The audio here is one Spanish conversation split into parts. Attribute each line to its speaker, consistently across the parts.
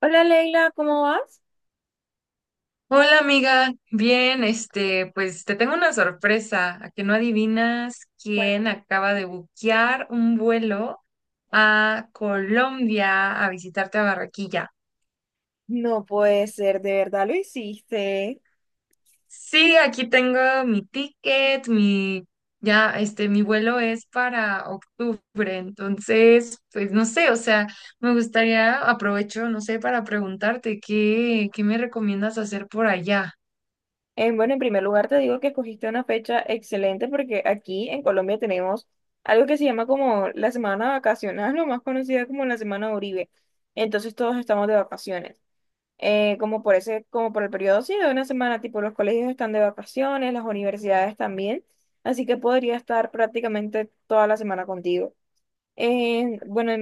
Speaker 1: Hola Leila, ¿cómo vas?
Speaker 2: Hola amiga, bien, pues te tengo una sorpresa, a que no adivinas
Speaker 1: Pues
Speaker 2: quién acaba de buquear un vuelo a Colombia a visitarte a Barranquilla.
Speaker 1: no puede ser, de verdad lo hiciste.
Speaker 2: Sí, aquí tengo mi ticket, ya, mi vuelo es para octubre, entonces, pues no sé, o sea, me gustaría, aprovecho, no sé, para preguntarte qué me recomiendas hacer por allá.
Speaker 1: Bueno, en primer lugar te digo que escogiste una fecha excelente porque aquí en Colombia tenemos algo que se llama como la semana vacacional, lo más conocida como la semana Uribe. Entonces todos estamos de vacaciones. Como por ese, como por el periodo, sí, de una semana, tipo los colegios están de vacaciones, las universidades también. Así que podría estar prácticamente toda la semana contigo. Eh, bueno,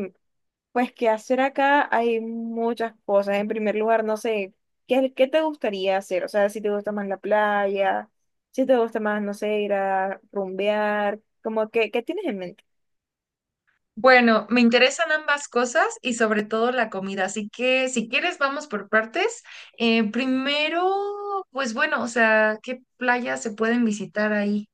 Speaker 1: Pues qué hacer acá, hay muchas cosas. En primer lugar, no sé, ¿qué te gustaría hacer? O sea, si te gusta más la playa, si te gusta más, no sé, ir a rumbear, como que, ¿qué tienes en mente?
Speaker 2: Bueno, me interesan ambas cosas y sobre todo la comida, así que si quieres vamos por partes. Primero, pues bueno, o sea, ¿qué playas se pueden visitar ahí?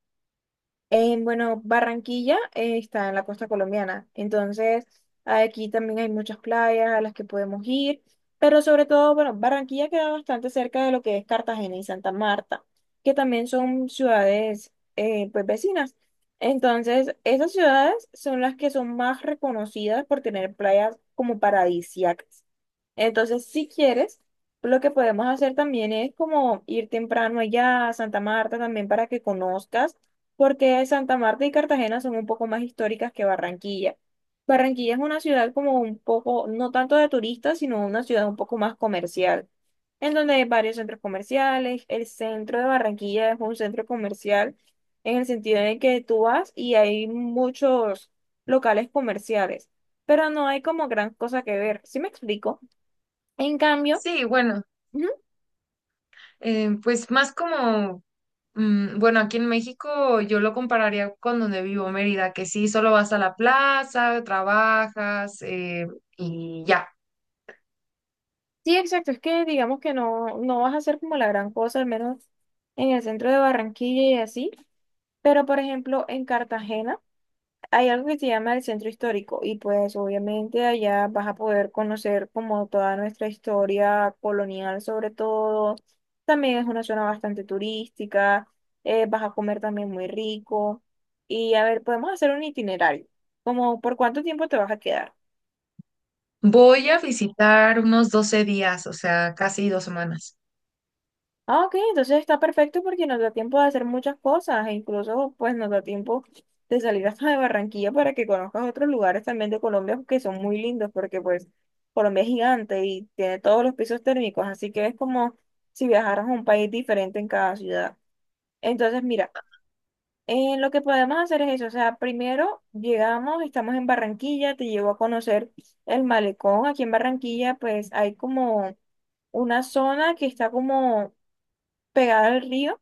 Speaker 1: En, bueno, Barranquilla está en la costa colombiana, entonces aquí también hay muchas playas a las que podemos ir, pero sobre todo, bueno, Barranquilla queda bastante cerca de lo que es Cartagena y Santa Marta, que también son ciudades pues vecinas. Entonces, esas ciudades son las que son más reconocidas por tener playas como paradisíacas. Entonces, si quieres, lo que podemos hacer también es como ir temprano allá a Santa Marta también para que conozcas, porque Santa Marta y Cartagena son un poco más históricas que Barranquilla. Barranquilla es una ciudad como un poco, no tanto de turistas, sino una ciudad un poco más comercial, en donde hay varios centros comerciales. El centro de Barranquilla es un centro comercial en el sentido de que tú vas y hay muchos locales comerciales, pero no hay como gran cosa que ver. ¿Sí me explico? En cambio,
Speaker 2: Sí, bueno,
Speaker 1: ujú,
Speaker 2: pues más como, bueno, aquí en México yo lo compararía con donde vivo, Mérida, que sí, solo vas a la plaza, trabajas, y ya.
Speaker 1: sí, exacto, es que digamos que no, no vas a hacer como la gran cosa, al menos en el centro de Barranquilla y así, pero por ejemplo en Cartagena hay algo que se llama el centro histórico y pues obviamente allá vas a poder conocer como toda nuestra historia colonial sobre todo, también es una zona bastante turística, vas a comer también muy rico y a ver, podemos hacer un itinerario, como por cuánto tiempo te vas a quedar.
Speaker 2: Voy a visitar unos 12 días, o sea, casi 2 semanas.
Speaker 1: Ah, ok, entonces está perfecto porque nos da tiempo de hacer muchas cosas e incluso pues nos da tiempo de salir hasta de Barranquilla para que conozcas otros lugares también de Colombia que son muy lindos porque pues Colombia es gigante y tiene todos los pisos térmicos, así que es como si viajaras a un país diferente en cada ciudad. Entonces, mira, lo que podemos hacer es eso, o sea, primero llegamos, estamos en Barranquilla, te llevo a conocer el malecón. Aquí en Barranquilla pues hay como una zona que está como pegada al río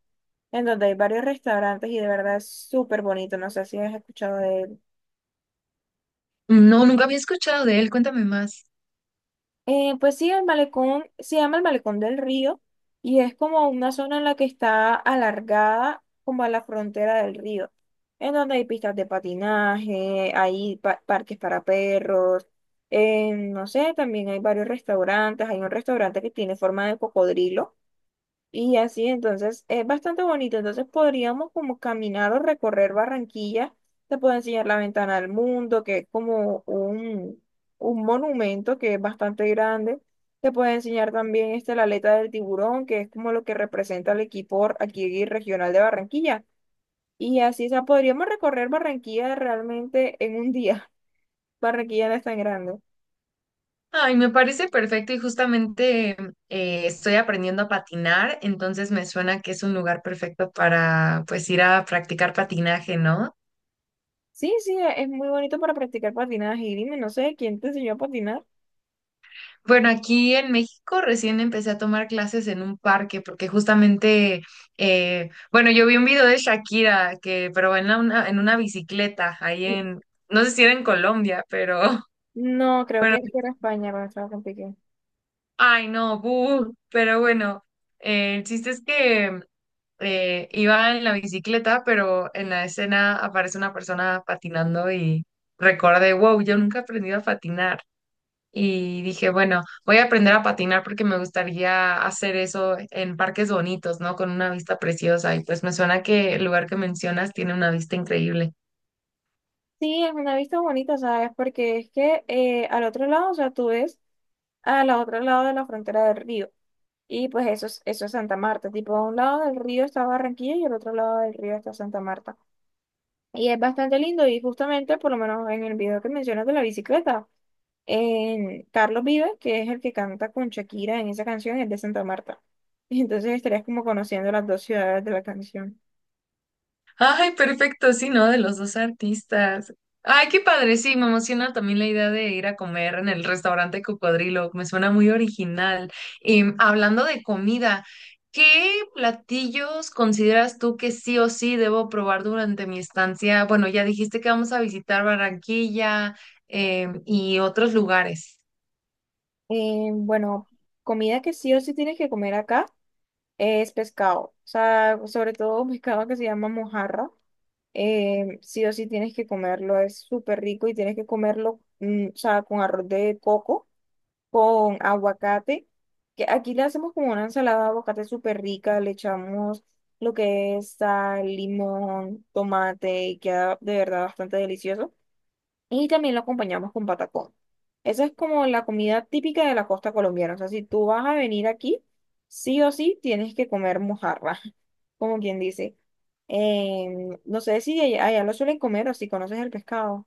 Speaker 1: en donde hay varios restaurantes y de verdad es súper bonito. No sé si has escuchado de él.
Speaker 2: No, nunca había escuchado de él, cuéntame más.
Speaker 1: Pues sí, el malecón se llama el Malecón del Río y es como una zona en la que está alargada como a la frontera del río, en donde hay pistas de patinaje, hay parques para perros, no sé, también hay varios restaurantes. Hay un restaurante que tiene forma de cocodrilo. Y así, entonces, es bastante bonito. Entonces podríamos como caminar o recorrer Barranquilla. Te puedo enseñar la Ventana del Mundo, que es como un monumento que es bastante grande. Te puedo enseñar también este, la aleta del tiburón, que es como lo que representa el equipo aquí regional de Barranquilla. Y así, o sea, podríamos recorrer Barranquilla realmente en un día. Barranquilla no es tan grande.
Speaker 2: Ay, me parece perfecto y justamente, estoy aprendiendo a patinar, entonces me suena que es un lugar perfecto para pues ir a practicar patinaje, ¿no?
Speaker 1: Sí, sí, es muy bonito para practicar patinaje. Y dime, no sé, ¿quién te enseñó a patinar?
Speaker 2: Bueno, aquí en México recién empecé a tomar clases en un parque porque justamente, bueno, yo vi un video de Shakira que, pero en una bicicleta ahí en, no sé si era en Colombia, pero,
Speaker 1: No, creo
Speaker 2: bueno,
Speaker 1: que era España cuando estaba con Piqué.
Speaker 2: ay, no, buh, pero bueno, el chiste es que, iba en la bicicleta, pero en la escena aparece una persona patinando y recordé, wow, yo nunca he aprendido a patinar. Y dije, bueno, voy a aprender a patinar porque me gustaría hacer eso en parques bonitos, ¿no? Con una vista preciosa. Y pues me suena que el lugar que mencionas tiene una vista increíble.
Speaker 1: Sí, es una vista bonita, ¿sabes? Porque es que al otro lado, o sea, tú ves al otro lado de la frontera del río. Y pues eso es Santa Marta. Tipo, a un lado del río está Barranquilla y al otro lado del río está Santa Marta. Y es bastante lindo y justamente, por lo menos en el video que mencionas de la bicicleta, en Carlos Vives, que es el que canta con Shakira en esa canción, es de Santa Marta. Y entonces estarías como conociendo las dos ciudades de la canción.
Speaker 2: Ay, perfecto, sí, ¿no? De los dos artistas. Ay, qué padre, sí, me emociona también la idea de ir a comer en el restaurante Cocodrilo, me suena muy original. Y hablando de comida, ¿qué platillos consideras tú que sí o sí debo probar durante mi estancia? Bueno, ya dijiste que vamos a visitar Barranquilla, y otros lugares.
Speaker 1: Eh, bueno, Comida que sí o sí tienes que comer acá es pescado. O sea, sobre todo un pescado que se llama mojarra. Sí o sí tienes que comerlo, es súper rico y tienes que comerlo, o sea, con arroz de coco, con aguacate, que aquí le hacemos como una ensalada de aguacate súper rica, le echamos lo que es sal, limón, tomate y queda de verdad bastante delicioso. Y también lo acompañamos con patacón. Esa es como la comida típica de la costa colombiana. O sea, si tú vas a venir aquí, sí o sí tienes que comer mojarra, como quien dice. No sé si allá, allá lo suelen comer o si conoces el pescado.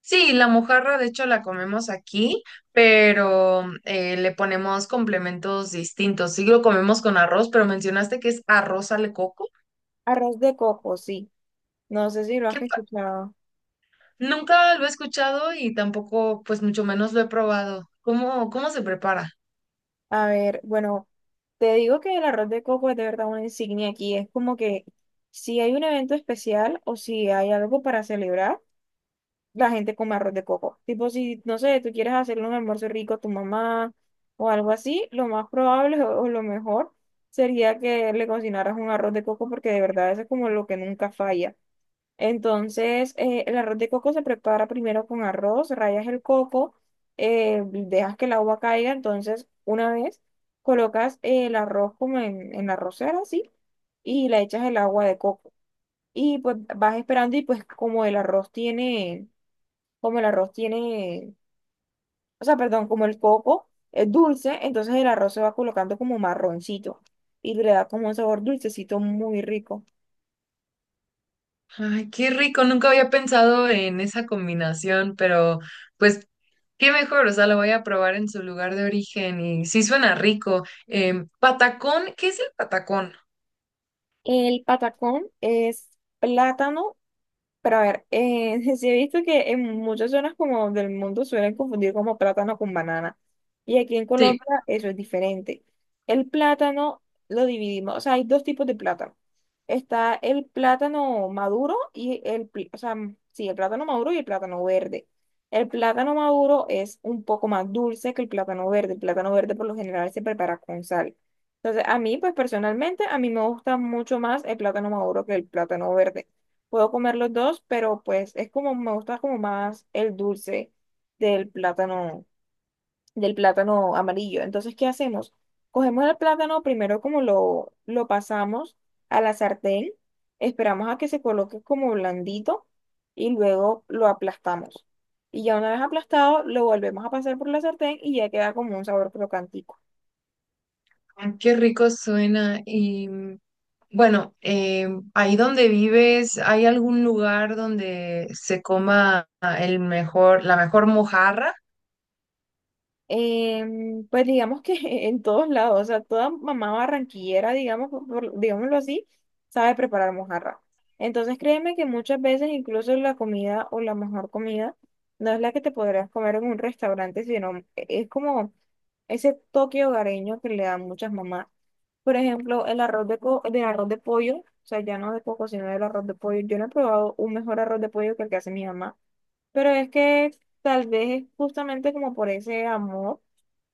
Speaker 2: Sí, la mojarra de hecho la comemos aquí, pero, le ponemos complementos distintos. Sí lo comemos con arroz, pero mencionaste que es arroz al coco.
Speaker 1: Arroz de coco, sí. No sé si lo
Speaker 2: ¿Qué
Speaker 1: has
Speaker 2: pa-
Speaker 1: escuchado.
Speaker 2: Nunca lo he escuchado y tampoco, pues mucho menos lo he probado. ¿Cómo, cómo se prepara?
Speaker 1: A ver, bueno, te digo que el arroz de coco es de verdad una insignia aquí. Es como que si hay un evento especial o si hay algo para celebrar. La gente come arroz de coco. Tipo, si, no sé, tú quieres hacerle un almuerzo rico a tu mamá o algo así, lo más probable o lo mejor sería que le cocinaras un arroz de coco porque de verdad eso es como lo que nunca falla. Entonces, el arroz de coco se prepara primero con arroz, rayas el coco, dejas que el agua caiga, entonces una vez colocas el arroz como en la arrocera, así, y le echas el agua de coco. Y pues vas esperando y pues como el arroz tiene como el arroz tiene, o sea, perdón, como el coco es dulce, entonces el arroz se va colocando como marroncito y le da como un sabor dulcecito muy rico.
Speaker 2: Ay, qué rico, nunca había pensado en esa combinación, pero pues qué mejor, o sea, lo voy a probar en su lugar de origen y sí suena rico. Patacón, ¿qué es el patacón?
Speaker 1: El patacón es plátano. Pero a ver, sí he visto que en muchas zonas como del mundo suelen confundir como plátano con banana. Y aquí en
Speaker 2: Sí,
Speaker 1: Colombia eso es diferente. El plátano lo dividimos, o sea, hay dos tipos de plátano. Está el plátano maduro y el, pl- o sea, mm, sí, el plátano maduro y el plátano verde. El plátano maduro es un poco más dulce que el plátano verde. El plátano verde por lo general se prepara con sal. Entonces, a mí, pues personalmente, a mí me gusta mucho más el plátano maduro que el plátano verde. Puedo comer los dos, pero pues es como, me gusta como más el dulce del plátano, del plátano amarillo. Entonces, ¿qué hacemos? Cogemos el plátano, primero como lo pasamos a la sartén, esperamos a que se coloque como blandito y luego lo aplastamos. Y ya una vez aplastado, lo volvemos a pasar por la sartén y ya queda como un sabor crocantico.
Speaker 2: ay, qué rico suena. Y bueno, ahí donde vives, ¿hay algún lugar donde se coma el mejor, la mejor mojarra?
Speaker 1: Pues digamos que en todos lados, o sea, toda mamá barranquillera, digamos, digámoslo así, sabe preparar mojarra. Entonces créeme que muchas veces incluso la comida o la mejor comida no es la que te podrás comer en un restaurante, sino es como ese toque hogareño que le dan muchas mamás. Por ejemplo, el arroz de, co- del arroz de pollo, o sea, ya no de coco, sino del arroz de pollo. Yo no he probado un mejor arroz de pollo que el que hace mi mamá. Pero es que tal vez es justamente como por ese amor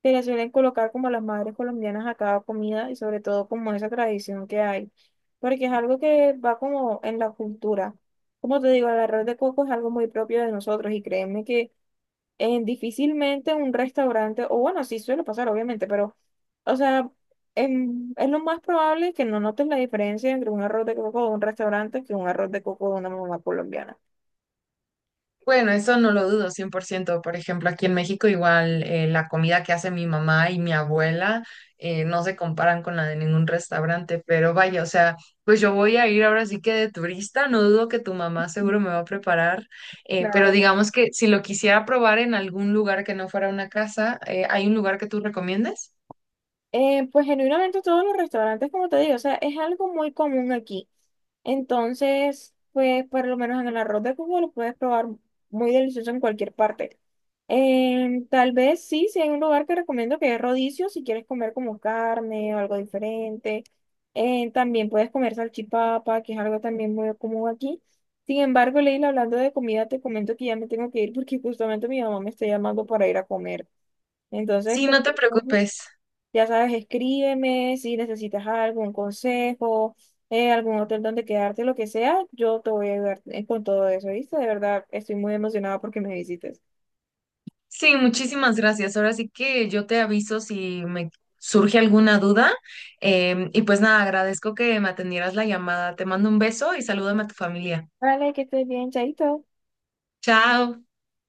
Speaker 1: que le suelen colocar como a las madres colombianas a cada comida y sobre todo como esa tradición que hay, porque es algo que va como en la cultura. Como te digo, el arroz de coco es algo muy propio de nosotros y créeme que difícilmente un restaurante, o bueno, sí suele pasar obviamente, pero o sea, es lo más probable que no notes la diferencia entre un arroz de coco de un restaurante que un arroz de coco de una mamá colombiana.
Speaker 2: Bueno, eso no lo dudo 100%. Por ciento. Por ejemplo, aquí en México igual, la comida que hace mi mamá y mi abuela, no se comparan con la de ningún restaurante, pero vaya, o sea, pues yo voy a ir ahora sí que de turista, no dudo que tu mamá seguro me va a preparar, pero
Speaker 1: Claro.
Speaker 2: digamos que si lo quisiera probar en algún lugar que no fuera una casa, ¿hay un lugar que tú recomiendes?
Speaker 1: Pues genuinamente todos los restaurantes, como te digo, o sea, es algo muy común aquí. Entonces, pues por lo menos en el arroz de Cuba lo puedes probar muy delicioso en cualquier parte. Tal vez sí, si hay un lugar que recomiendo que es Rodicio, si quieres comer como carne o algo diferente. También puedes comer salchipapa, que es algo también muy común aquí. Sin embargo, Leila, hablando de comida, te comento que ya me tengo que ir porque justamente mi mamá me está llamando para ir a comer.
Speaker 2: Sí,
Speaker 1: Entonces,
Speaker 2: no te preocupes.
Speaker 1: ya sabes, escríbeme si necesitas algún consejo, algún hotel donde quedarte, lo que sea, yo te voy a ayudar con todo eso, ¿viste? De verdad, estoy muy emocionada porque me visites.
Speaker 2: Sí, muchísimas gracias. Ahora sí que yo te aviso si me surge alguna duda. Y pues nada, agradezco que me atendieras la llamada. Te mando un beso y salúdame a tu familia.
Speaker 1: Vale, que estés bien, chaito.
Speaker 2: Chao.